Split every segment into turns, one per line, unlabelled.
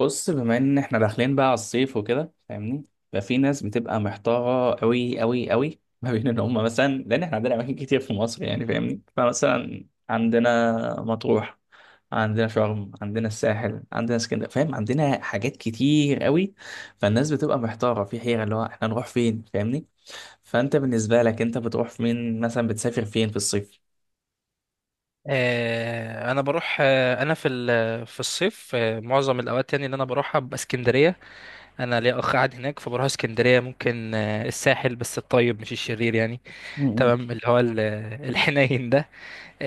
بص، بما ان احنا داخلين بقى على الصيف وكده فاهمني. ففي ناس بتبقى محتاره قوي قوي قوي ما بين ان هم مثلا، لان احنا عندنا اماكن كتير في مصر يعني فاهمني. فمثلا عندنا مطروح، عندنا شرم، عندنا الساحل، عندنا اسكندريه فاهم، عندنا حاجات كتير قوي. فالناس بتبقى محتاره في حيره اللي هو احنا نروح فين فاهمني. فانت بالنسبه لك انت بتروح فين مثلا؟ بتسافر فين في الصيف؟
انا بروح، في الصيف، معظم الاوقات يعني اللي انا بروحها ببقى اسكندريه. انا ليا اخ قاعد هناك، فبروح اسكندريه، ممكن الساحل، بس الطيب مش الشرير يعني.
م-. م-.
تمام، اللي هو الحنين ده.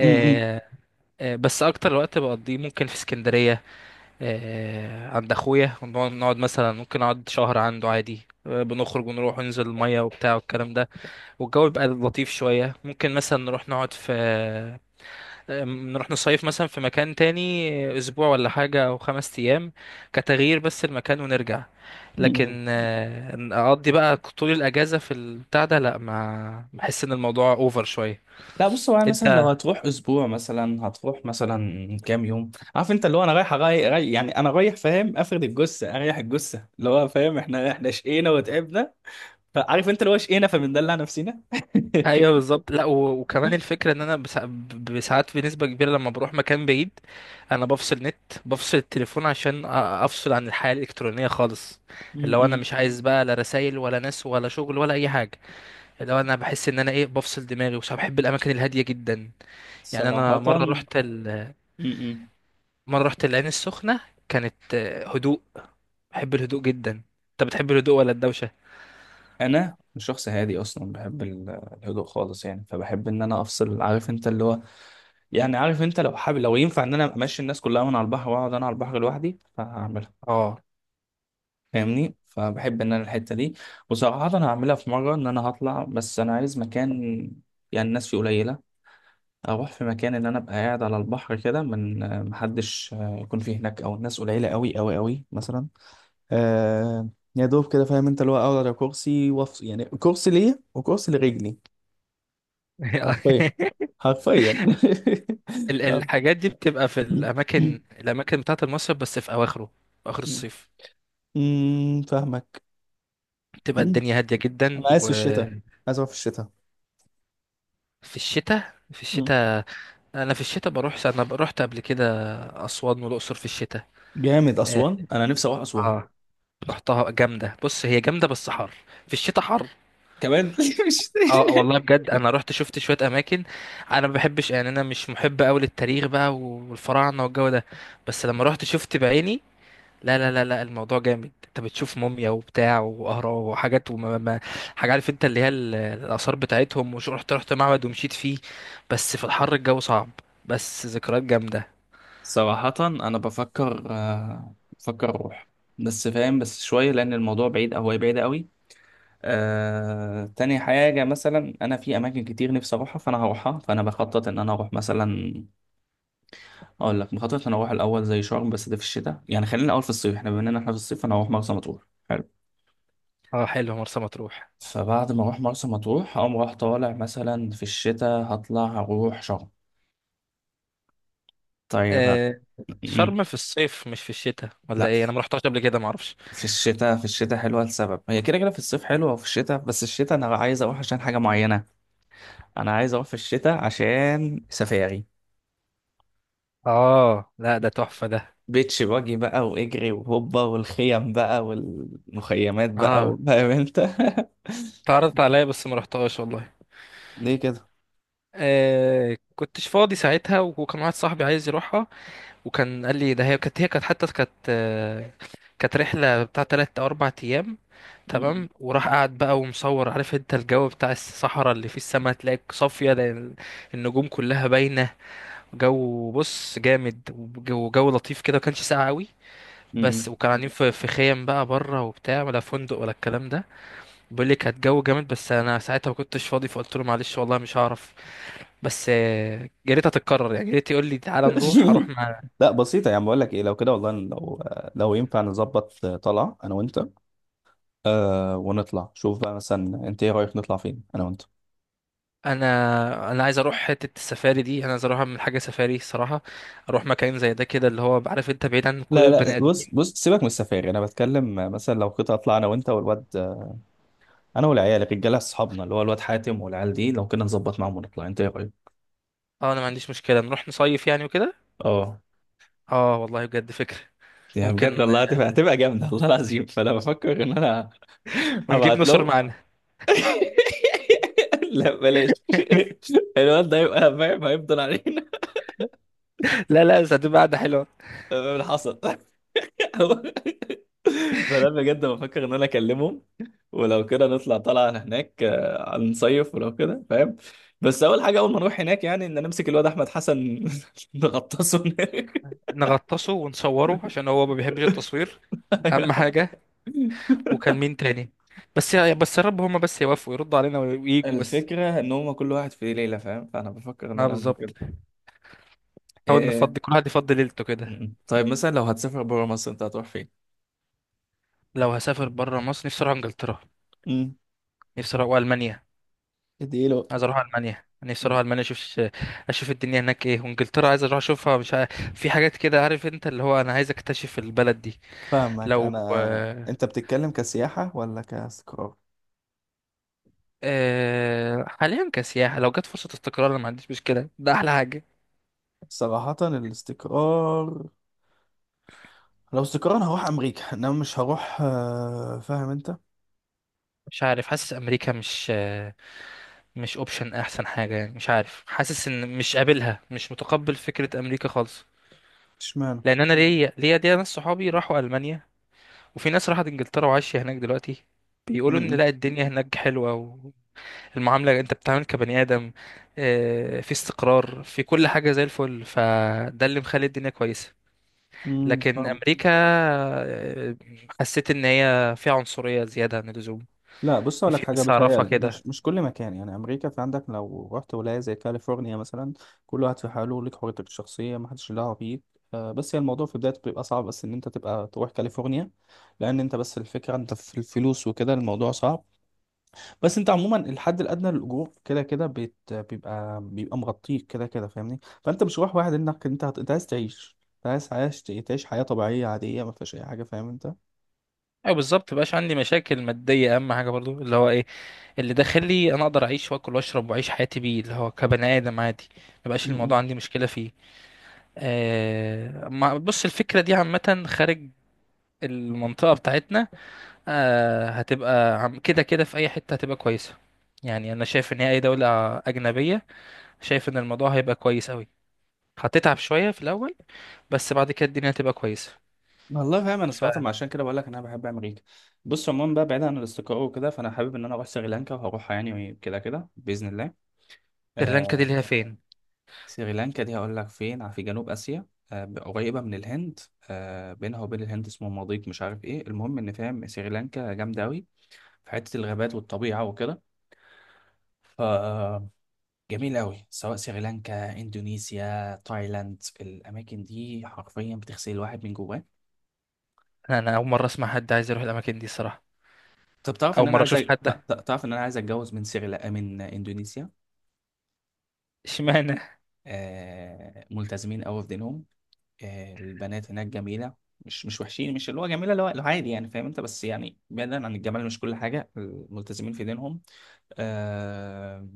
م-.
بس اكتر وقت بقضيه ممكن في اسكندريه، عند اخويا، ونقعد مثلا، ممكن اقعد شهر عنده عادي. بنخرج ونروح وننزل الميه وبتاع والكلام ده. والجو بيبقى لطيف شويه، ممكن مثلا نروح نصيف مثلا في مكان تاني، اسبوع ولا حاجة او 5 ايام. كتغيير بس المكان ونرجع.
م-. م-.
لكن إن اقضي بقى طول الاجازة في البتاع ده، لا، ما بحس ان الموضوع اوفر شوية.
لا بص، هو أنا مثلا
انت
لو هتروح اسبوع مثلا هتروح مثلا كام يوم عارف انت اللي هو انا رايح أغير، رايح يعني انا رايح فاهم، افرد الجثه، اريح الجثه، اللي هو فاهم احنا شقينا وتعبنا. فعارف انت اللي هو شقينا فبندلع نفسنا
ايوه بالظبط. لا، وكمان الفكرة ان انا ساعات بنسبة كبيرة لما بروح مكان بعيد. انا بفصل نت، بفصل التليفون عشان افصل عن الحياة الالكترونية خالص. اللي هو انا
م-م.
مش عايز بقى لا رسايل ولا ناس ولا شغل ولا اي حاجة. اللي هو انا بحس ان انا ايه بفصل دماغي، وش بحب الاماكن الهاديه جدا. يعني
صراحه.
انا مره رحت
م-م.
مره رحت العين السخنه. كانت هدوء. بحب الهدوء جدا. انت بتحب الهدوء ولا الدوشه؟
انا شخص هادي اصلا، بحب الهدوء خالص يعني، فبحب ان انا افصل عارف انت اللي هو. يعني عارف انت لو حابب لو ينفع ان انا امشي الناس كلها من على البحر واقعد انا على البحر لوحدي فهعملها
اه.
فاهمني. فبحب ان انا الحته دي. وصراحه انا هعملها في مره ان انا هطلع، بس انا عايز مكان يعني الناس فيه قليله. اروح في مكان ان انا ابقى قاعد على البحر كده، من محدش يكون فيه هناك، او الناس قليله قوي قوي قوي مثلا. آه يا دوب كده فاهم انت اللي هو اقعد على كرسي وافصل، يعني كرسي ليا وكرسي لرجلي. حرفيا. حرفيا
الحاجات دي بتبقى في الاماكن الاماكن بتاعه المصيف، بس في اواخره، في اخر الصيف.
فاهمك.
بتبقى الدنيا هاديه جدا.
انا عايز في الشتاء،
وفي
عايز اروح في الشتاء.
الشتاء، في الشتاء انا في الشتاء بروح. انا رحت قبل كده اسوان والاقصر في الشتاء.
جامد أسوان، أنا نفسي أروح أسوان.
اه، رحتها جامدة. بص، هي جامدة بس حر، في الشتاء حر.
كمان مش.
اه، والله بجد، انا رحت شفت شوية اماكن. انا ما بحبش، يعني انا مش محب قوي للتاريخ بقى والفراعنة والجو ده، بس لما رحت شفت بعيني، لا لا لا لا، الموضوع جامد. انت بتشوف موميا وبتاع واهرام وحاجات وما ما حاجة، عارف انت اللي هي الاثار بتاعتهم، وش رحت معبد ومشيت فيه. بس في الحر الجو صعب، بس ذكريات جامدة.
صراحة أنا بفكر، أروح. بس فاهم، بس شوية لأن الموضوع بعيد أو هي بعيدة قوي. تاني حاجة مثلا أنا في أماكن كتير نفسي أروحها، فأنا هروحها، فأنا بخطط إن أنا أروح مثلا. أقول لك، بخطط إن أنا أروح الأول زي شرم، بس ده في الشتاء. يعني خلينا الأول في الصيف، إحنا بما إننا إحنا في الصيف أنا هروح مرسى مطروح. حلو.
اه، حلو مرسى مطروح.
فبعد ما أروح مرسى مطروح هقوم رايح طالع مثلا في الشتاء هطلع أروح شرم. طيب.
آه، شرم في الصيف مش في الشتاء ولا
لا،
ايه؟ انا ما رحتهاش قبل كده، ما اعرفش.
في الشتاء حلوة لسبب، هي كده كده في الصيف حلوة وفي الشتاء، بس الشتاء أنا عايز أروح عشان حاجة معينة. أنا عايز أروح في الشتاء عشان سفاري.
اه، لا، ده تحفة ده.
بيتش باجي بقى، واجري وهوبا، والخيم بقى والمخيمات بقى
اه،
فاهم انت
اتعرضت عليا بس ما رحتهاش والله.
ليه كده؟
آه، كنتش فاضي ساعتها، وكان واحد صاحبي عايز يروحها، وكان قال لي ده. هي كانت حتى كانت كانت رحلة بتاع 3 أو 4 أيام،
م-.
تمام، وراح قعد بقى ومصور، عارف انت الجو بتاع الصحراء اللي فيه السماء تلاقي صافية، لأن النجوم كلها باينة. جو، بص جامد، وجو لطيف كده، ما كانش ساقع قوي.
م-.
بس
م.
وكان قاعدين في خيم بقى بره وبتاع، ولا فندق ولا الكلام ده. بيقول لي كانت جو جامد، بس انا ساعتها ما كنتش فاضي، فقلت له معلش والله مش هعرف. بس يا ريت هتتكرر، يعني يا ريت يقول لي تعالى نروح، اروح مع.
لا بسيطة، يعني بقول لك ايه، لو كده والله، لو ينفع نظبط طلعة انا وانت. آه ونطلع، شوف بقى مثلا انت ايه رأيك، نطلع فين انا وانت؟
انا عايز اروح حته السفاري دي، انا عايز اروح اعمل حاجه سفاري الصراحه. اروح مكان زي ده كده، اللي هو عارف انت، بعيد عن كل
لا لا،
البني
بص
ادمين.
بص، سيبك من السفاري. انا بتكلم مثلا لو كنت اطلع انا وانت والواد، انا والعيال الرجاله اصحابنا اللي هو الواد حاتم والعيال دي، لو كنا نظبط معاهم ونطلع انت ايه رايك؟
اه، انا ما عنديش مشكله نروح نصيف يعني وكده.
اه.
اه، والله بجد فكره.
يا بجد
ممكن،
والله هتبقى جامده والله العظيم، فانا بفكر ان انا
ونجيب
هبعت
نصر
له
معانا.
لا بلاش، الواد ده هيبقى فاهم هيفضل علينا.
لا، لا، بس هتبقى قعده حلوه.
اللي حصل فانا بجد بفكر ان انا اكلمهم، ولو كده نطلع طلعه هناك، نصيف ولو كده فاهم. بس اول حاجه، اول ما نروح هناك يعني ان نمسك الواد احمد حسن نغطسه هناك
نغطسه ونصوره عشان هو ما بيحبش التصوير، اهم حاجه. وكان مين تاني؟ بس يا رب هما بس يوافقوا يردوا علينا ويجوا بس.
الفكره ان هم كل واحد في ليله فاهم، فانا بفكر ان
اه،
انا اعمل
بالظبط،
كده. إيه.
نحاول
إيه،
نفضي، كل واحد يفضي ليلته
إيه.
كده.
م-م. طيب مثلا لو هتسافر بره مصر انت هتروح فين؟
لو هسافر بره مصر نفسي اروح انجلترا،
امم.
نفسي اروح المانيا.
اديله.
عايز اروح المانيا، نفسي اروح المانيا، اشوف اشوف الدنيا هناك ايه، وانجلترا عايز اروح اشوفها مش عارف. في حاجات كده، عارف انت اللي هو انا عايز اكتشف البلد دي.
فاهمك.
لو
انا، انت بتتكلم كسياحة ولا كاستقرار؟
حاليا كسياحة، لو جت فرصة استقرار انا ما عنديش مشكلة، ده احلى حاجة.
صراحة الاستقرار. لو استقرار انا هروح امريكا، انما مش هروح فاهم انت.
مش عارف، حاسس امريكا مش اوبشن احسن حاجه يعني. مش عارف، حاسس ان مش قابلها، مش متقبل فكره امريكا خالص.
اشمعنى؟
لان انا ليا دي ناس صحابي راحوا المانيا، وفي ناس راحت انجلترا وعايشه هناك دلوقتي. بيقولوا ان
امم.
لا، الدنيا هناك حلوه، والمعامله انت بتتعامل كبني ادم، في استقرار، في كل حاجه زي الفل، فده اللي مخلي الدنيا كويسه.
امم.
لكن
فاهم.
امريكا آه، حسيت ان هي فيها عنصريه زياده عن اللزوم.
لا بص اقول لك
في
حاجه،
ناس اعرفها
بتهيالي
كده.
مش كل مكان، يعني امريكا في عندك لو رحت ولايه زي كاليفورنيا مثلا، كل واحد في حاله، ليك حريتك الشخصيه ما حدش له دعوه بيك. بس هي الموضوع في بدايته بيبقى صعب، بس ان انت تبقى تروح كاليفورنيا، لان انت بس الفكره انت في الفلوس وكده الموضوع صعب. بس انت عموما الحد الادنى للاجور كده كده بيبقى مغطيك كده كده فاهمني. فانت مش رايح، واحد انك انت انت عايز تعيش، انت عايز عايش تعيش حياه طبيعيه عاديه ما فيهاش اي حاجه فاهم انت.
ايوه، بالظبط، مبقاش عندي مشاكل ماديه اهم حاجه برضو، اللي هو ايه، اللي داخلي انا اقدر اعيش واكل واشرب واعيش حياتي بيه، اللي هو كبني ادم عادي. مبقاش
م-م.
الموضوع عندي مشكله فيه. آه، ما بص، الفكره دي عامه خارج المنطقه بتاعتنا. آه، هتبقى كده كده في اي حته هتبقى كويسه. يعني انا شايف ان هي اي دوله اجنبيه، شايف ان الموضوع هيبقى كويس قوي. هتتعب شويه في الاول، بس بعد كده الدنيا هتبقى كويسه.
والله فاهم انا، صراحه عشان كده بقول لك انا بحب امريكا. بص عموما بقى، بعيد عن الاستقرار وكده، فانا حابب ان انا اروح سريلانكا وهروحها يعني كده كده باذن الله.
فسريلانكا دي
آه.
اللي هي فين؟
سريلانكا دي هقول لك فين. في جنوب اسيا، آه قريبه من الهند، آه بينها وبين الهند اسمه مضيق مش عارف ايه، المهم ان فاهم سريلانكا جامده قوي في حتة الغابات والطبيعة وكده، فجميل أوي. سواء سريلانكا، إندونيسيا، تايلاند، الأماكن دي حرفيا بتغسل الواحد من جواه.
انا اول مره اسمع حد عايز يروح الاماكن دي الصراحه.
طب تعرف إن
اول
أنا
مره
عايز
اشوف حد ده.
تعرف إن أنا عايز أتجوز من إندونيسيا.
اشمعنى؟
آه، ملتزمين أوي في دينهم. آه، البنات هناك جميلة. مش وحشين، مش اللي هو جميلة، اللي هو عادي يعني فاهم انت. بس يعني بعيدا عن الجمال مش كل حاجة، ملتزمين في دينهم. آه،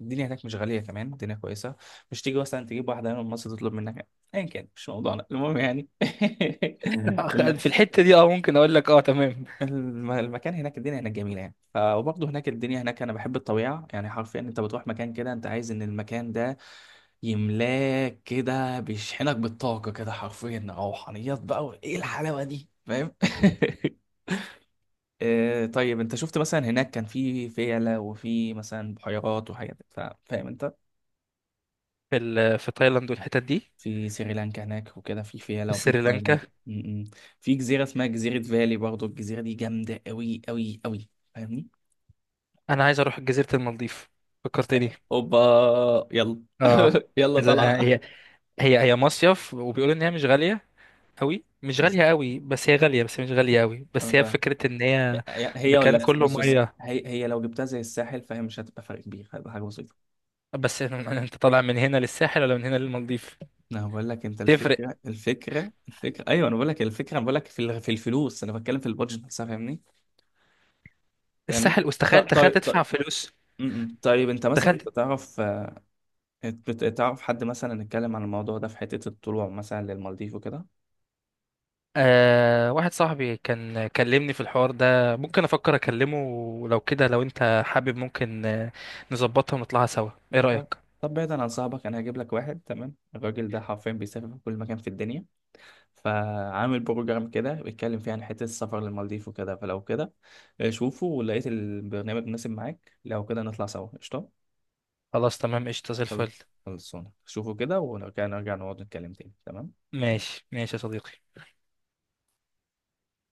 الدنيا هناك مش غالية، كمان الدنيا كويسة، مش تيجي مثلا تجيب واحدة من مصر تطلب منك أيا كان. مش موضوعنا المهم يعني ال-
في الحتة دي اه، ممكن اقول لك اه، تمام.
المكان هناك الدنيا هناك جميلة يعني. وبرضه هناك الدنيا هناك، أنا بحب الطبيعة يعني. حرفيا أنت بتروح مكان كده أنت عايز إن المكان ده يملاك كده، بيشحنك بالطاقة كده حرفيا، روحانيات بقى وايه الحلاوة دي فاهم طيب انت شفت مثلا هناك، كان في فيلة، وفي مثلا بحيرات وحاجات فاهم انت؟
في في تايلاند والحتت دي؟
في سريلانكا هناك وكده في فيلة،
في
وفي
سريلانكا.
تايلاند. م-. م. في جزيرة اسمها جزيرة فالي، برضو الجزيرة دي جامدة قوي قوي قوي فاهمني.
انا عايز اروح جزيرة المالديف، فكرتني.
اوبا، يلا
اه،
يلا
عايز- آه،
طالعة.
هي هي مصيف وبيقولوا ان هي مش غالية قوي، مش غالية قوي، بس هي غالية، بس هي مش غالية قوي،
أنا
بس هي
فاهم.
فكرة ان هي
هي هي،
مكان
ولا
كله
بص بص،
مية.
هي هي لو جبتها زي الساحل فهي مش هتبقى فرق كبير، هتبقى حاجة بسيطة.
بس انت طالع من هنا للساحل ولا من هنا للمالديف؟
انا بقول لك انت
تفرق.
الفكره، ايوه انا بقول لك الفكره، انا بقول لك في في الفلوس، انا بتكلم في البادجت نفسها فاهمني. فاهمني.
الساحل،
طيب
واستخيل تخيل
طيب
تدفع
طيب.
فلوس.
م-م. طيب انت مثلا انت
تخيل.
تعرف، تعرف حد مثلا اتكلم عن الموضوع ده في حته الطلوع مثلا للمالديف وكده.
أه، واحد صاحبي كان كلمني في الحوار ده، ممكن افكر اكلمه ولو كده، لو انت حابب ممكن نظبطها ونطلعها سوا، ايه
طب،
رأيك؟
بعيدا عن صاحبك انا هجيب لك واحد تمام، الراجل ده حرفيا بيسافر في كل مكان في الدنيا، فعامل بروجرام كده بيتكلم فيه عن حته السفر للمالديف وكده. فلو كده شوفه، ولقيت البرنامج مناسب معاك لو كده نطلع سوا قشطه.
خلاص، تمام، قشطة زي
خل-
الفل.
خلصونا شوفوا كده، ولو كان نرجع نقعد نتكلم تاني تمام.
ماشي، ماشي يا صديقي.